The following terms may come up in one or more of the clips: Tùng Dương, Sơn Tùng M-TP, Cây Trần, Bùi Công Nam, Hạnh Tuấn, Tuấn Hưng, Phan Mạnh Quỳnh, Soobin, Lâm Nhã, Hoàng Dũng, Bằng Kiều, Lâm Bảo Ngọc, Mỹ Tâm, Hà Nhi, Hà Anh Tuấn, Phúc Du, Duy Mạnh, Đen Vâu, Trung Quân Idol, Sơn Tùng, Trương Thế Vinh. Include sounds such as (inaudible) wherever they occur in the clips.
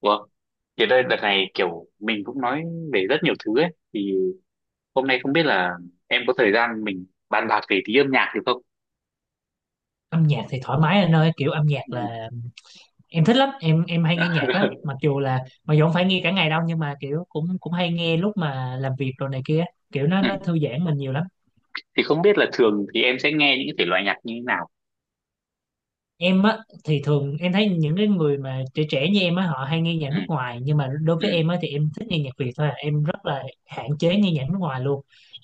Ủa, thì đây đợt này kiểu mình cũng nói về rất nhiều thứ ấy thì hôm nay không biết là em có thời gian mình bàn bạc về tí âm nhạc được không? Âm nhạc thì thoải mái anh ơi, kiểu âm nhạc Ừ. là em thích lắm. Em hay nghe nhạc lắm, (laughs) mặc dù không phải nghe cả ngày đâu, nhưng mà kiểu cũng cũng hay nghe lúc mà làm việc rồi này kia. Kiểu nó Ừ. nó thư giãn mình nhiều lắm. Thì không biết là thường thì em sẽ nghe những cái thể loại nhạc như thế nào? Em á, thì thường em thấy những cái người mà trẻ trẻ như em á, họ hay nghe nhạc Ừ. nước ngoài, nhưng mà đối Ừ. với em á thì em thích nghe nhạc Việt thôi à. Em rất là hạn chế nghe nhạc nước ngoài luôn.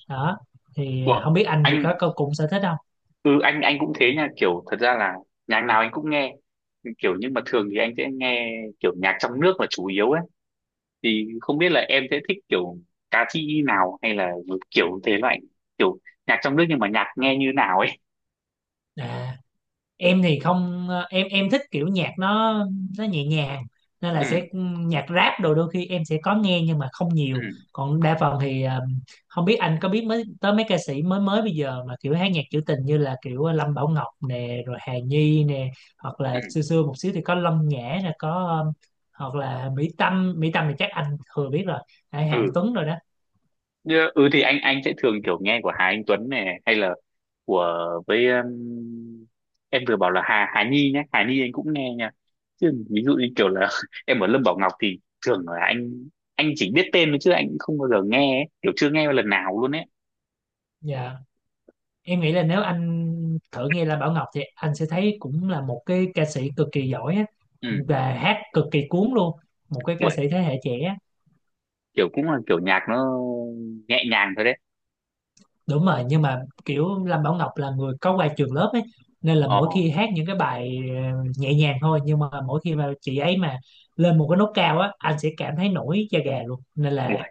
Đó, thì không Ủa, biết anh thì có, anh có cùng sở thích không? anh cũng thế nha, kiểu thật ra là nhạc nào anh cũng nghe. Kiểu nhưng mà thường thì anh sẽ nghe kiểu nhạc trong nước là chủ yếu ấy. Thì không biết là em sẽ thích kiểu ca sĩ nào hay là một kiểu thể loại kiểu nhạc trong nước nhưng mà nhạc nghe như nào ấy. À, em thì không. Ờ, em thích kiểu nhạc nó nhẹ nhàng nên là sẽ. ừ Nhạc rap đồ đôi khi em sẽ có nghe nhưng mà không ừ nhiều, còn đa phần thì không biết anh có biết mới tới mấy ca sĩ mới mới bây giờ mà kiểu hát nhạc trữ tình, như là kiểu Lâm Bảo Ngọc nè, rồi Hà Nhi nè, hoặc là xưa ừ xưa một xíu thì có Lâm Nhã nè, có ờ, hoặc là Mỹ Tâm. Mỹ Tâm thì chắc anh thừa biết rồi, hay ừ Hạnh Tuấn rồi đó. ừ thì anh sẽ thường kiểu nghe của Hà Anh Tuấn này hay là của với em vừa bảo là Hà Hà Nhi nhé, Hà Nhi anh cũng nghe nha, chứ ví dụ như kiểu là (laughs) em ở Lâm Bảo Ngọc thì thường là anh chỉ biết tên thôi, chứ anh cũng không bao giờ nghe ấy, kiểu chưa nghe lần nào luôn ấy. Dạ, em nghĩ là nếu anh thử nghe là Bảo Ngọc thì anh sẽ thấy cũng là một cái ca sĩ cực kỳ giỏi á, ừ và hát cực kỳ cuốn luôn, một cái ca uầy, sĩ thế hệ trẻ á. Kiểu cũng là kiểu nhạc nó nhẹ nhàng thôi đấy. Đúng rồi, nhưng mà kiểu Lâm Bảo Ngọc là người có qua trường lớp ấy, nên là ờ mỗi khi hát những cái bài nhẹ nhàng thôi, nhưng mà mỗi khi mà chị ấy mà lên một cái nốt cao á, anh sẽ cảm thấy nổi da gà luôn, uầy,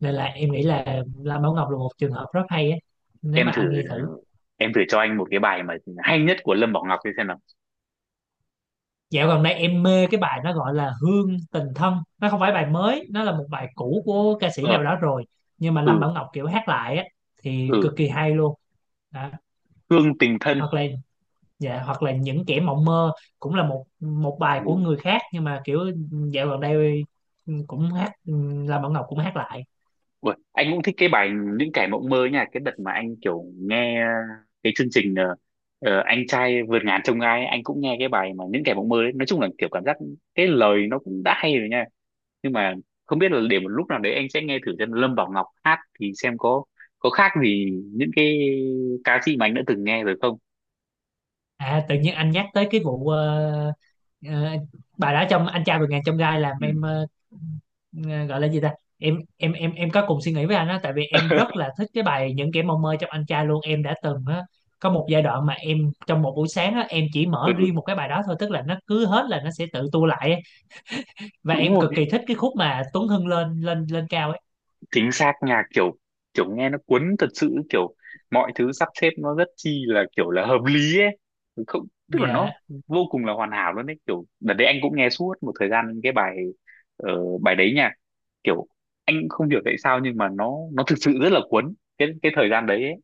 nên là em nghĩ là Lâm Bảo Ngọc là một trường hợp rất hay á, nếu em mà thử anh nghe thử. em thử cho anh một cái bài mà hay nhất của Lâm Bảo Ngọc đi xem nào. Dạo gần đây em mê cái bài nó gọi là Hương Tình Thân. Nó không phải bài mới, nó là một bài cũ của ca sĩ nào ờ đó rồi. Nhưng mà Lâm ừ Bảo Ngọc kiểu hát lại á, thì ừ cực kỳ hay luôn đó. Hương tình thân. Hoặc là, dạ, hoặc là Những Kẻ Mộng Mơ, cũng là một một bài của người khác. Nhưng mà kiểu dạo gần đây, cũng hát, Lâm Bảo Ngọc cũng hát lại. Anh cũng thích cái bài những kẻ mộng mơ nha, cái đợt mà anh kiểu nghe cái chương trình anh trai vượt ngàn chông gai, anh cũng nghe cái bài mà những kẻ mộng mơ đấy. Nói chung là kiểu cảm giác cái lời nó cũng đã hay rồi nha, nhưng mà không biết là để một lúc nào đấy anh sẽ nghe thử xem Lâm Bảo Ngọc hát thì xem có khác gì những cái ca sĩ mà anh đã từng nghe rồi không. À, tự nhiên anh nhắc tới cái vụ ờ, bà đã trong Anh Trai Vượt Ngàn Chông Gai làm ừ, em ờ, gọi là gì ta? Em có cùng suy nghĩ với anh á, tại vì em rất (laughs) là thích cái bài Những Kẻ Mộng Mơ trong Anh Trai luôn. Em đã từng á, có một giai đoạn mà em, trong một buổi sáng á, em chỉ mở ừ riêng một cái bài đó thôi, tức là nó cứ hết là nó sẽ tự tua lại ấy. Và đúng em rồi, cực kỳ thích cái khúc mà Tuấn Hưng lên lên lên cao ấy. chính xác, nhạc kiểu kiểu nghe nó cuốn thật sự, kiểu mọi thứ sắp xếp nó rất chi là kiểu là hợp lý ấy. Không, tức là Dạ. nó vô cùng là hoàn hảo luôn đấy, kiểu đợt đấy anh cũng nghe suốt một thời gian cái bài ờ, bài đấy nha, kiểu anh không hiểu tại sao nhưng mà nó thực sự rất là cuốn cái thời gian đấy ấy.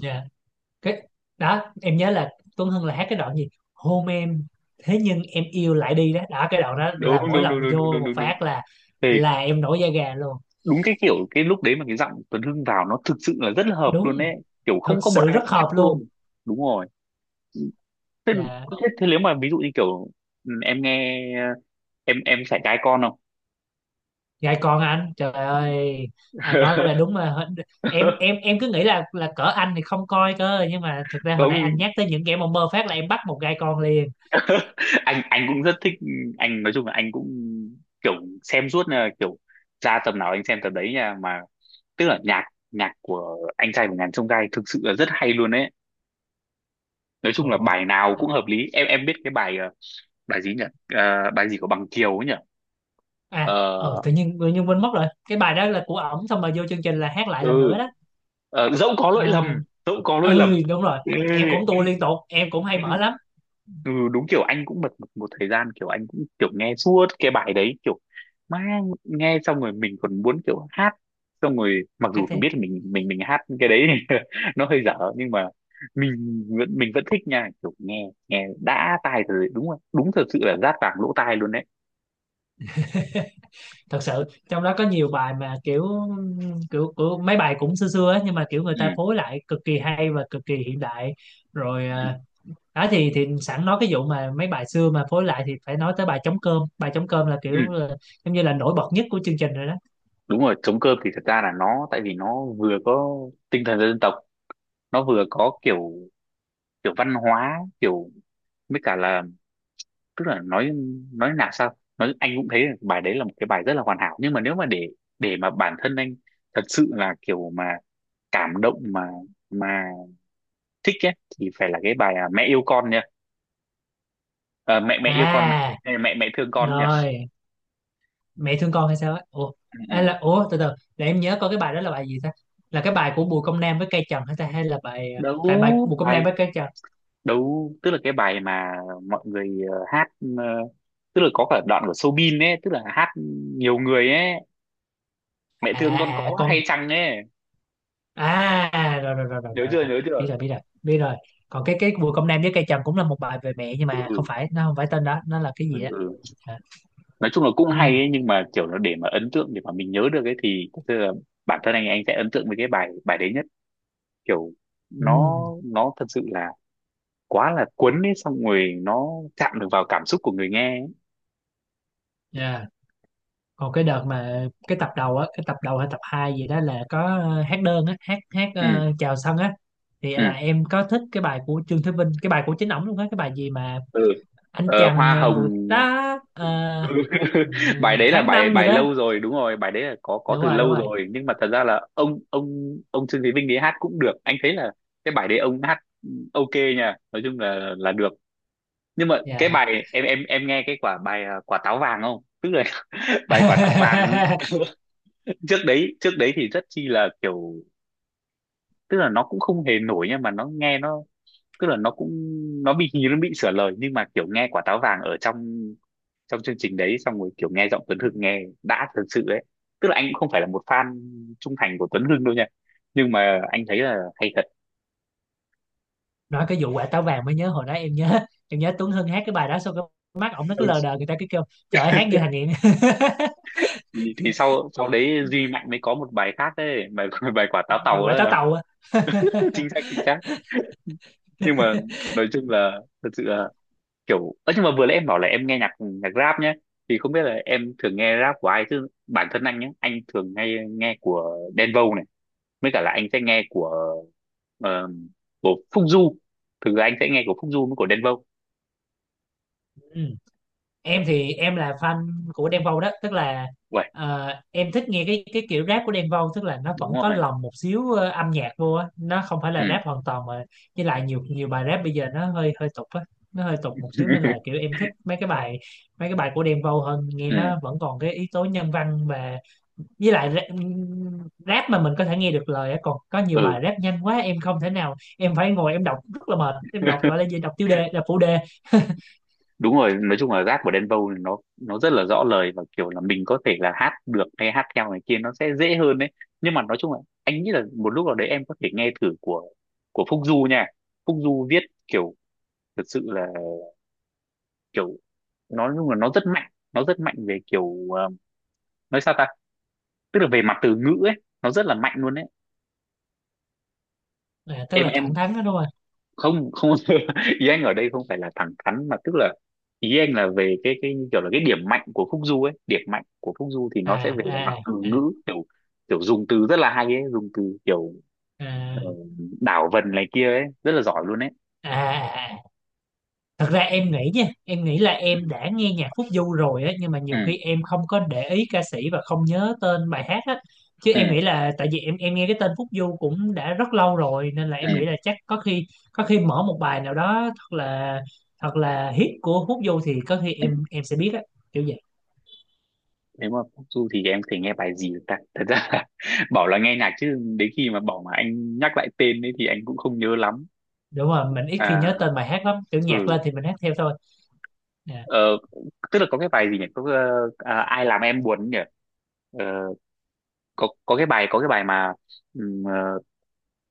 Dạ. Cái đó em nhớ là Tuấn Hưng là hát cái đoạn gì hôn em, thế nhưng em yêu lại đi đó đó, cái đoạn đó Đúng là mỗi đúng đúng lần đúng đúng vô đúng một đúng đúng phát là thì là em nổi da gà luôn. đúng, cái kiểu cái lúc đấy mà cái giọng Tuấn Hưng vào nó thực sự là rất là hợp luôn Đúng, ấy, kiểu thực không có một sự ai rất khác hợp luôn. luôn. Đúng rồi. thế, dạ Thế nếu mà ví dụ như kiểu em nghe em phải trai con không? dạ còn anh trời ơi, anh nói là đúng mà. em em (laughs) em cứ nghĩ là cỡ anh thì không coi cơ, nhưng mà thực ra hồi nãy anh Không, nhắc tới những kẻ mà mơ phát là em bắt một gai con liền. anh cũng rất thích, anh nói chung là anh cũng kiểu xem suốt, là kiểu ra tầm nào anh xem tầm đấy nha mà, tức là nhạc nhạc của anh trai của ngàn chông gai thực sự là rất hay luôn đấy. Nói chung Ồ. là bài nào cũng hợp lý. Em biết cái bài bài gì nhỉ? Bài gì của Bằng Kiều ấy nhỉ? À. Ờ, Tự nhiên quên mất rồi, cái bài đó là của ổng, xong rồi vô chương trình là hát lại lần nữa ừ đó. Ờ, Dẫu có lỗi Ờ, lầm, dẫu có lỗi lầm. ừ đúng rồi, Ê, em cũng tua liên tục, em cũng hay mở lắm. ừ đúng, kiểu anh cũng bật một, một thời gian kiểu anh cũng kiểu nghe suốt cái bài đấy, kiểu mang nghe xong rồi mình còn muốn kiểu hát, xong rồi mặc Hát dù thì mình biết là mình hát cái đấy (laughs) nó hơi dở, nhưng mà mình mình vẫn thích nha, kiểu nghe nghe đã tai rồi. Đúng rồi, đúng, thật sự là rát vàng lỗ tai luôn đấy. thật sự trong đó có nhiều bài mà kiểu kiểu, kiểu mấy bài cũng xưa xưa ấy, nhưng mà kiểu người ừ, ta phối lại cực kỳ hay và cực kỳ hiện đại rồi à. ừ, Đó thì sẵn nói cái vụ mà mấy bài xưa mà phối lại thì phải nói tới bài Trống Cơm. Bài Trống Cơm là ừ. kiểu là, giống như là nổi bật nhất của chương trình rồi đó. Đúng rồi, trống cơm thì thật ra là nó tại vì nó vừa có tinh thần dân tộc, nó vừa có kiểu kiểu văn hóa, kiểu với cả là tức là nói nào sao nói anh cũng thấy là bài đấy là một cái bài rất là hoàn hảo, nhưng mà nếu mà để mà bản thân anh thật sự là kiểu mà cảm động mà thích ấy, thì phải là cái bài à, mẹ yêu con nha. Ờ, mẹ mẹ yêu con, mẹ À, mẹ mẹ mẹ thương con nha. rồi Mẹ Thương Con hay sao á? Ủa, Ừ. Ừ. à, là ủa, từ từ để em nhớ coi cái bài đó là bài gì ta, là cái bài của Bùi Công Nam với Cây Trần hay ta, hay là bài à, đấu tại bài Bùi Công Nam Bài với Cây Trần. đấu, tức là cái bài mà mọi người hát, ờ, tức là có cả đoạn của Soobin ấy, tức là hát nhiều người ấy, mẹ thương con À. À có con. hay chăng ấy. À. À, rồi rồi rồi rồi Nhớ rồi, rồi. chưa, nhớ Rồi. Biết chưa? rồi, biết rồi, biết rồi. Còn cái Bùi Công Nam với Cây Trần cũng là một bài về mẹ, nhưng mà không ừ, phải, nó không phải tên đó, nó là cái gì ừ. á. ừ. À. Nói chung là cũng Ừ. hay ấy, nhưng mà kiểu nó để mà ấn tượng, để mà mình nhớ được ấy thì thật sự là bản thân anh sẽ ấn tượng với cái bài bài đấy nhất, kiểu Ừ. nó nó thật sự là quá là cuốn ấy, xong rồi nó chạm được vào cảm xúc của người nghe ấy. Yeah. Còn cái đợt mà cái tập đầu á, cái tập đầu hay tập 2 gì đó, là có hát đơn á, hát hát ừ chào sân á, thì ừ là em có thích cái bài của Trương Thế Vinh, cái bài của chính ổng luôn á, cái bài gì mà ừ anh chàng Hoa em hồng. vụt đá, ờ, (laughs) Bài đấy là tháng bài năm gì bài đó. lâu rồi, đúng rồi, bài đấy là có Đúng từ rồi, đúng lâu rồi. rồi, nhưng mà thật ra là ông Trương Thế Vinh đấy hát cũng được, anh thấy là cái bài đấy ông hát ok nha, nói chung là được. Nhưng mà cái Dạ. bài em nghe cái quả bài à, quả táo vàng không, tức là (laughs) bài quả táo vàng (laughs) (laughs) trước đấy, trước đấy thì rất chi là kiểu tức là nó cũng không hề nổi, nhưng mà nó nghe nó tức là nó cũng nó bị hình như nó bị sửa lời, nhưng mà kiểu nghe quả táo vàng ở trong trong chương trình đấy xong rồi kiểu nghe giọng Tuấn Hưng nghe đã thật sự đấy, tức là anh cũng không phải là một fan trung thành của Tuấn Hưng đâu nha, nhưng mà anh thấy là hay thật. Nói cái vụ quả táo vàng mới nhớ, hồi đó em nhớ Tuấn Hưng hát cái bài đó, xong cái mắt ổng nó cứ Ừ, lờ đờ, người ta cứ kêu trời ơi hát như thằng nghiện. (laughs) Thì sau sau đấy Duy Mạnh mới có một bài khác đấy, bài (laughs) bài quả táo Cái gì, tàu quả táo đó. tàu á? (laughs) (laughs) Chính xác, chính xác. Nhưng mà nói chung là thật sự là kiểu, ơ nhưng mà vừa nãy em bảo là em nghe nhạc nhạc rap nhé, thì không biết là em thường nghe rap của ai, chứ bản thân anh nhé, anh thường nghe nghe của Đen Vâu này, mới cả là anh sẽ nghe của ờ, của Phúc Du, thực ra anh sẽ nghe của Phúc Du với của Đen Vâu. Ừ. Em thì em là fan của Đen Vâu đó, tức là Vậy em thích nghe cái kiểu rap của Đen Vâu, tức là nó đúng vẫn có rồi. lồng một xíu âm nhạc vô á, nó không phải Ừ là rap hoàn toàn mà. Với lại nhiều nhiều bài rap bây giờ nó hơi hơi tục á, nó hơi tục một xíu, nên là kiểu (laughs) em thích mấy cái bài của Đen Vâu hơn, nghe nó ừ vẫn còn cái yếu tố nhân văn, và với lại rap mà mình có thể nghe được lời á, còn có nhiều ừ bài rap nhanh quá em không thể nào, em phải ngồi em đọc rất là mệt, em đọc gọi (laughs) là gì, đọc tiêu đề, đọc phụ đề. Đúng rồi, nói chung là rap của Đen Vâu thì nó rất là rõ lời, và kiểu là mình có thể là hát được hay hát theo này kia, nó sẽ dễ hơn đấy. Nhưng mà nói chung là anh nghĩ là một lúc nào đấy em có thể nghe thử của Phúc Du nha. Phúc Du viết kiểu thật sự là kiểu nó nói chung là nó rất mạnh, nó rất mạnh về kiểu nói sao ta, tức là về mặt từ ngữ ấy, nó rất là mạnh luôn đấy. À, tức em là thẳng em thắn đó đúng không? Không, không, (laughs) Yang ở đây không phải là thẳng thắn, mà tức là Yang là về cái kiểu là cái điểm mạnh của Phúc Du ấy, điểm mạnh của Phúc Du thì À nó sẽ về là mặt à từ à ngữ, kiểu kiểu dùng từ rất là hay ấy, dùng từ kiểu à ờ, đảo vần này kia ấy, rất là giỏi luôn ấy. à à. À. Thật ra em nghĩ nha, em nghĩ là ừ em đã nghe nhạc Phúc Du rồi á, nhưng mà ừ nhiều khi em không có để ý ca sĩ và không nhớ tên bài hát á, chứ ừ em nghĩ là tại vì em nghe cái tên Phúc Du cũng đã rất lâu rồi, nên là ừ em nghĩ là chắc có khi, mở một bài nào đó thật là hit của Phúc Du thì có khi ừ. em sẽ biết á, kiểu vậy. Nếu mà Phúc Du thì em thể nghe bài gì được ta, thật ra là (laughs) bảo là nghe nhạc chứ đến khi mà bảo mà anh nhắc lại tên ấy thì anh cũng không nhớ lắm. Đúng rồi, mình ít khi nhớ à tên bài hát lắm, kiểu ừ nhạc lên thì mình hát theo thôi. À. Ờ, Tức là có cái bài gì nhỉ? Có ai làm em buồn nhỉ? Ờ, có cái bài mà ừm, ờ,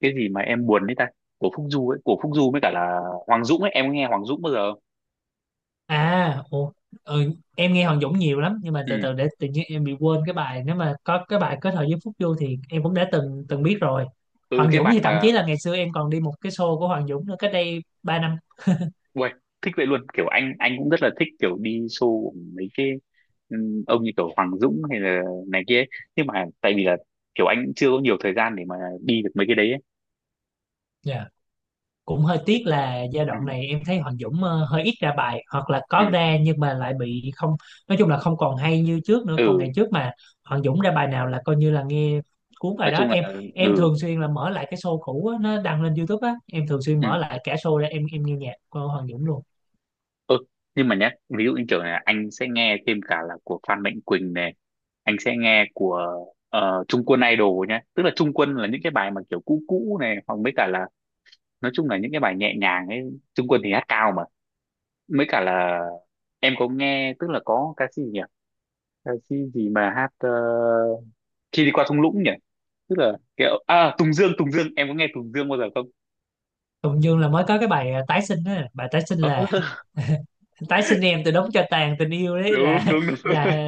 cái gì mà em buồn đấy ta? Của Phúc Du ấy, của Phúc Du với cả là Hoàng Dũng ấy, em có nghe Hoàng Dũng bao giờ không? À. Ồ. Ừ, em nghe Hoàng Dũng nhiều lắm, nhưng mà Ừ, từ từ để tự nhiên em bị quên cái bài, nếu mà có cái bài kết hợp với Phúc Du thì em cũng đã từng từng biết rồi. ừ Hoàng cái Dũng bài thì thậm chí mà là ngày xưa em còn đi một cái show của Hoàng Dũng nữa, cách đây 3 năm. uầy, thích vậy luôn, kiểu anh cũng rất là thích kiểu đi show của mấy cái ông như kiểu Hoàng Dũng hay là này kia ấy. Nhưng mà tại vì là kiểu anh cũng chưa có nhiều thời gian để mà đi được mấy cái đấy ấy. Cũng hơi tiếc là giai Ừ, đoạn này em thấy Hoàng Dũng hơi ít ra bài, hoặc là ừ, có ra nhưng mà lại bị, không, nói chung là không còn hay như trước nữa. Còn ừ, ngày trước mà Hoàng Dũng ra bài nào là coi như là nghe cuốn nói bài đó. chung là Em ừ, thường xuyên là mở lại cái show cũ á, nó đăng lên YouTube á, em thường xuyên ừ mở lại cả show ra, em nghe nhạc của Hoàng Dũng luôn. Ừ, nhưng mà nhé, ví dụ như kiểu là anh sẽ nghe thêm cả là của Phan Mạnh Quỳnh này, anh sẽ nghe của Trung Quân Idol nhé. Tức là Trung Quân là những cái bài mà kiểu cũ cũ này, hoặc mấy cả là nói chung là những cái bài nhẹ nhàng ấy. Trung Quân thì hát cao mà. Mấy cả là em có nghe, tức là có ca sĩ gì nhỉ? Ca sĩ gì mà hát khi đi qua thung lũng nhỉ? Tức là kiểu à Tùng Dương, Tùng Dương, em có nghe Tùng Dương bao giờ không? Tùng Dương là mới có cái bài tái sinh á, bài tái sinh Ờ, là (laughs) (laughs) tái sinh em từ đống cho tàn tình yêu đấy, Đúng đúng đúng. là (laughs)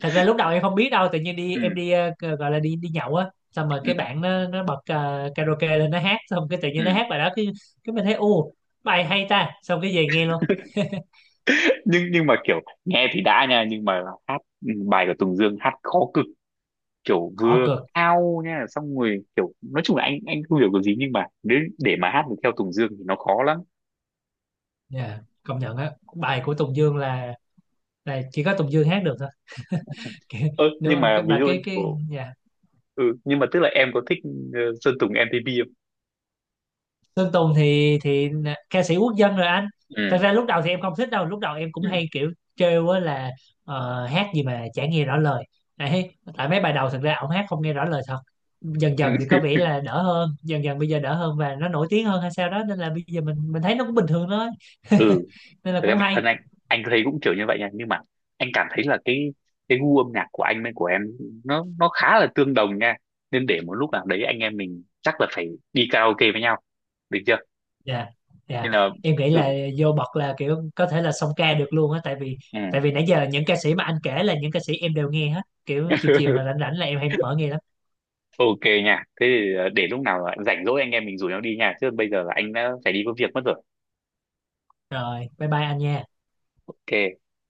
thật ra lúc đầu em không biết đâu. Tự nhiên đi, Ừ, em đi gọi là đi đi nhậu á, xong rồi cái ừ, bạn nó bật karaoke lên, nó hát, xong cái tự nhiên nó ừ. hát bài đó, cái mình thấy u bài hay ta, xong cái về nghe luôn. Nhưng mà kiểu nghe thì đã nha, nhưng mà hát bài của Tùng Dương hát khó cực, kiểu Khó vừa cực. cao nha, xong rồi kiểu nói chung là anh không hiểu cái gì, nhưng mà nếu để mà hát được theo Tùng Dương thì nó khó lắm. Dạ, công nhận á. Bài của Tùng Dương là chỉ có Tùng Dương hát được thôi. (laughs) Kiểu, Ơ đúng nhưng không? mà Cái ví bà dụ cái như cái kiểu dạ. Nhưng mà tức là em có thích Sơn Tùng M-TP không? Sơn Tùng thì ca sĩ quốc dân rồi anh. Thật Ừ ra lúc đầu thì em không thích đâu, lúc đầu em cũng ừ hay kiểu trêu á là hát gì mà chả nghe rõ lời. Đấy, tại mấy bài đầu thật ra ổng hát không nghe rõ lời thật. Dần dần thì (laughs) ừ có vẻ là đỡ hơn, dần dần bây giờ đỡ hơn, và nó nổi tiếng hơn hay sao đó, nên là bây giờ mình thấy nó cũng bình thường thôi. (laughs) ừ Nên là Thật ra cũng bản thân hay. anh thấy cũng kiểu như vậy nha, nhưng mà anh cảm thấy là cái gu âm nhạc của anh với của em nó khá là tương đồng nha, nên để một lúc nào đấy anh em mình chắc là phải đi karaoke với nhau, được chưa? Dạ. Dạ. Nên là Em nghĩ ừ, là vô bậc là kiểu có thể là song ca được luôn á, tại vì ừ. Nãy giờ những ca sĩ mà anh kể là những ca sĩ em đều nghe hết, kiểu chiều chiều mà (laughs) rảnh rảnh là em hay mở nghe. ok nha, thế thì để lúc nào rảnh rỗi anh em mình rủ nhau đi nha, chứ bây giờ là anh đã phải đi có việc mất rồi. Rồi, bye bye anh nha. Ok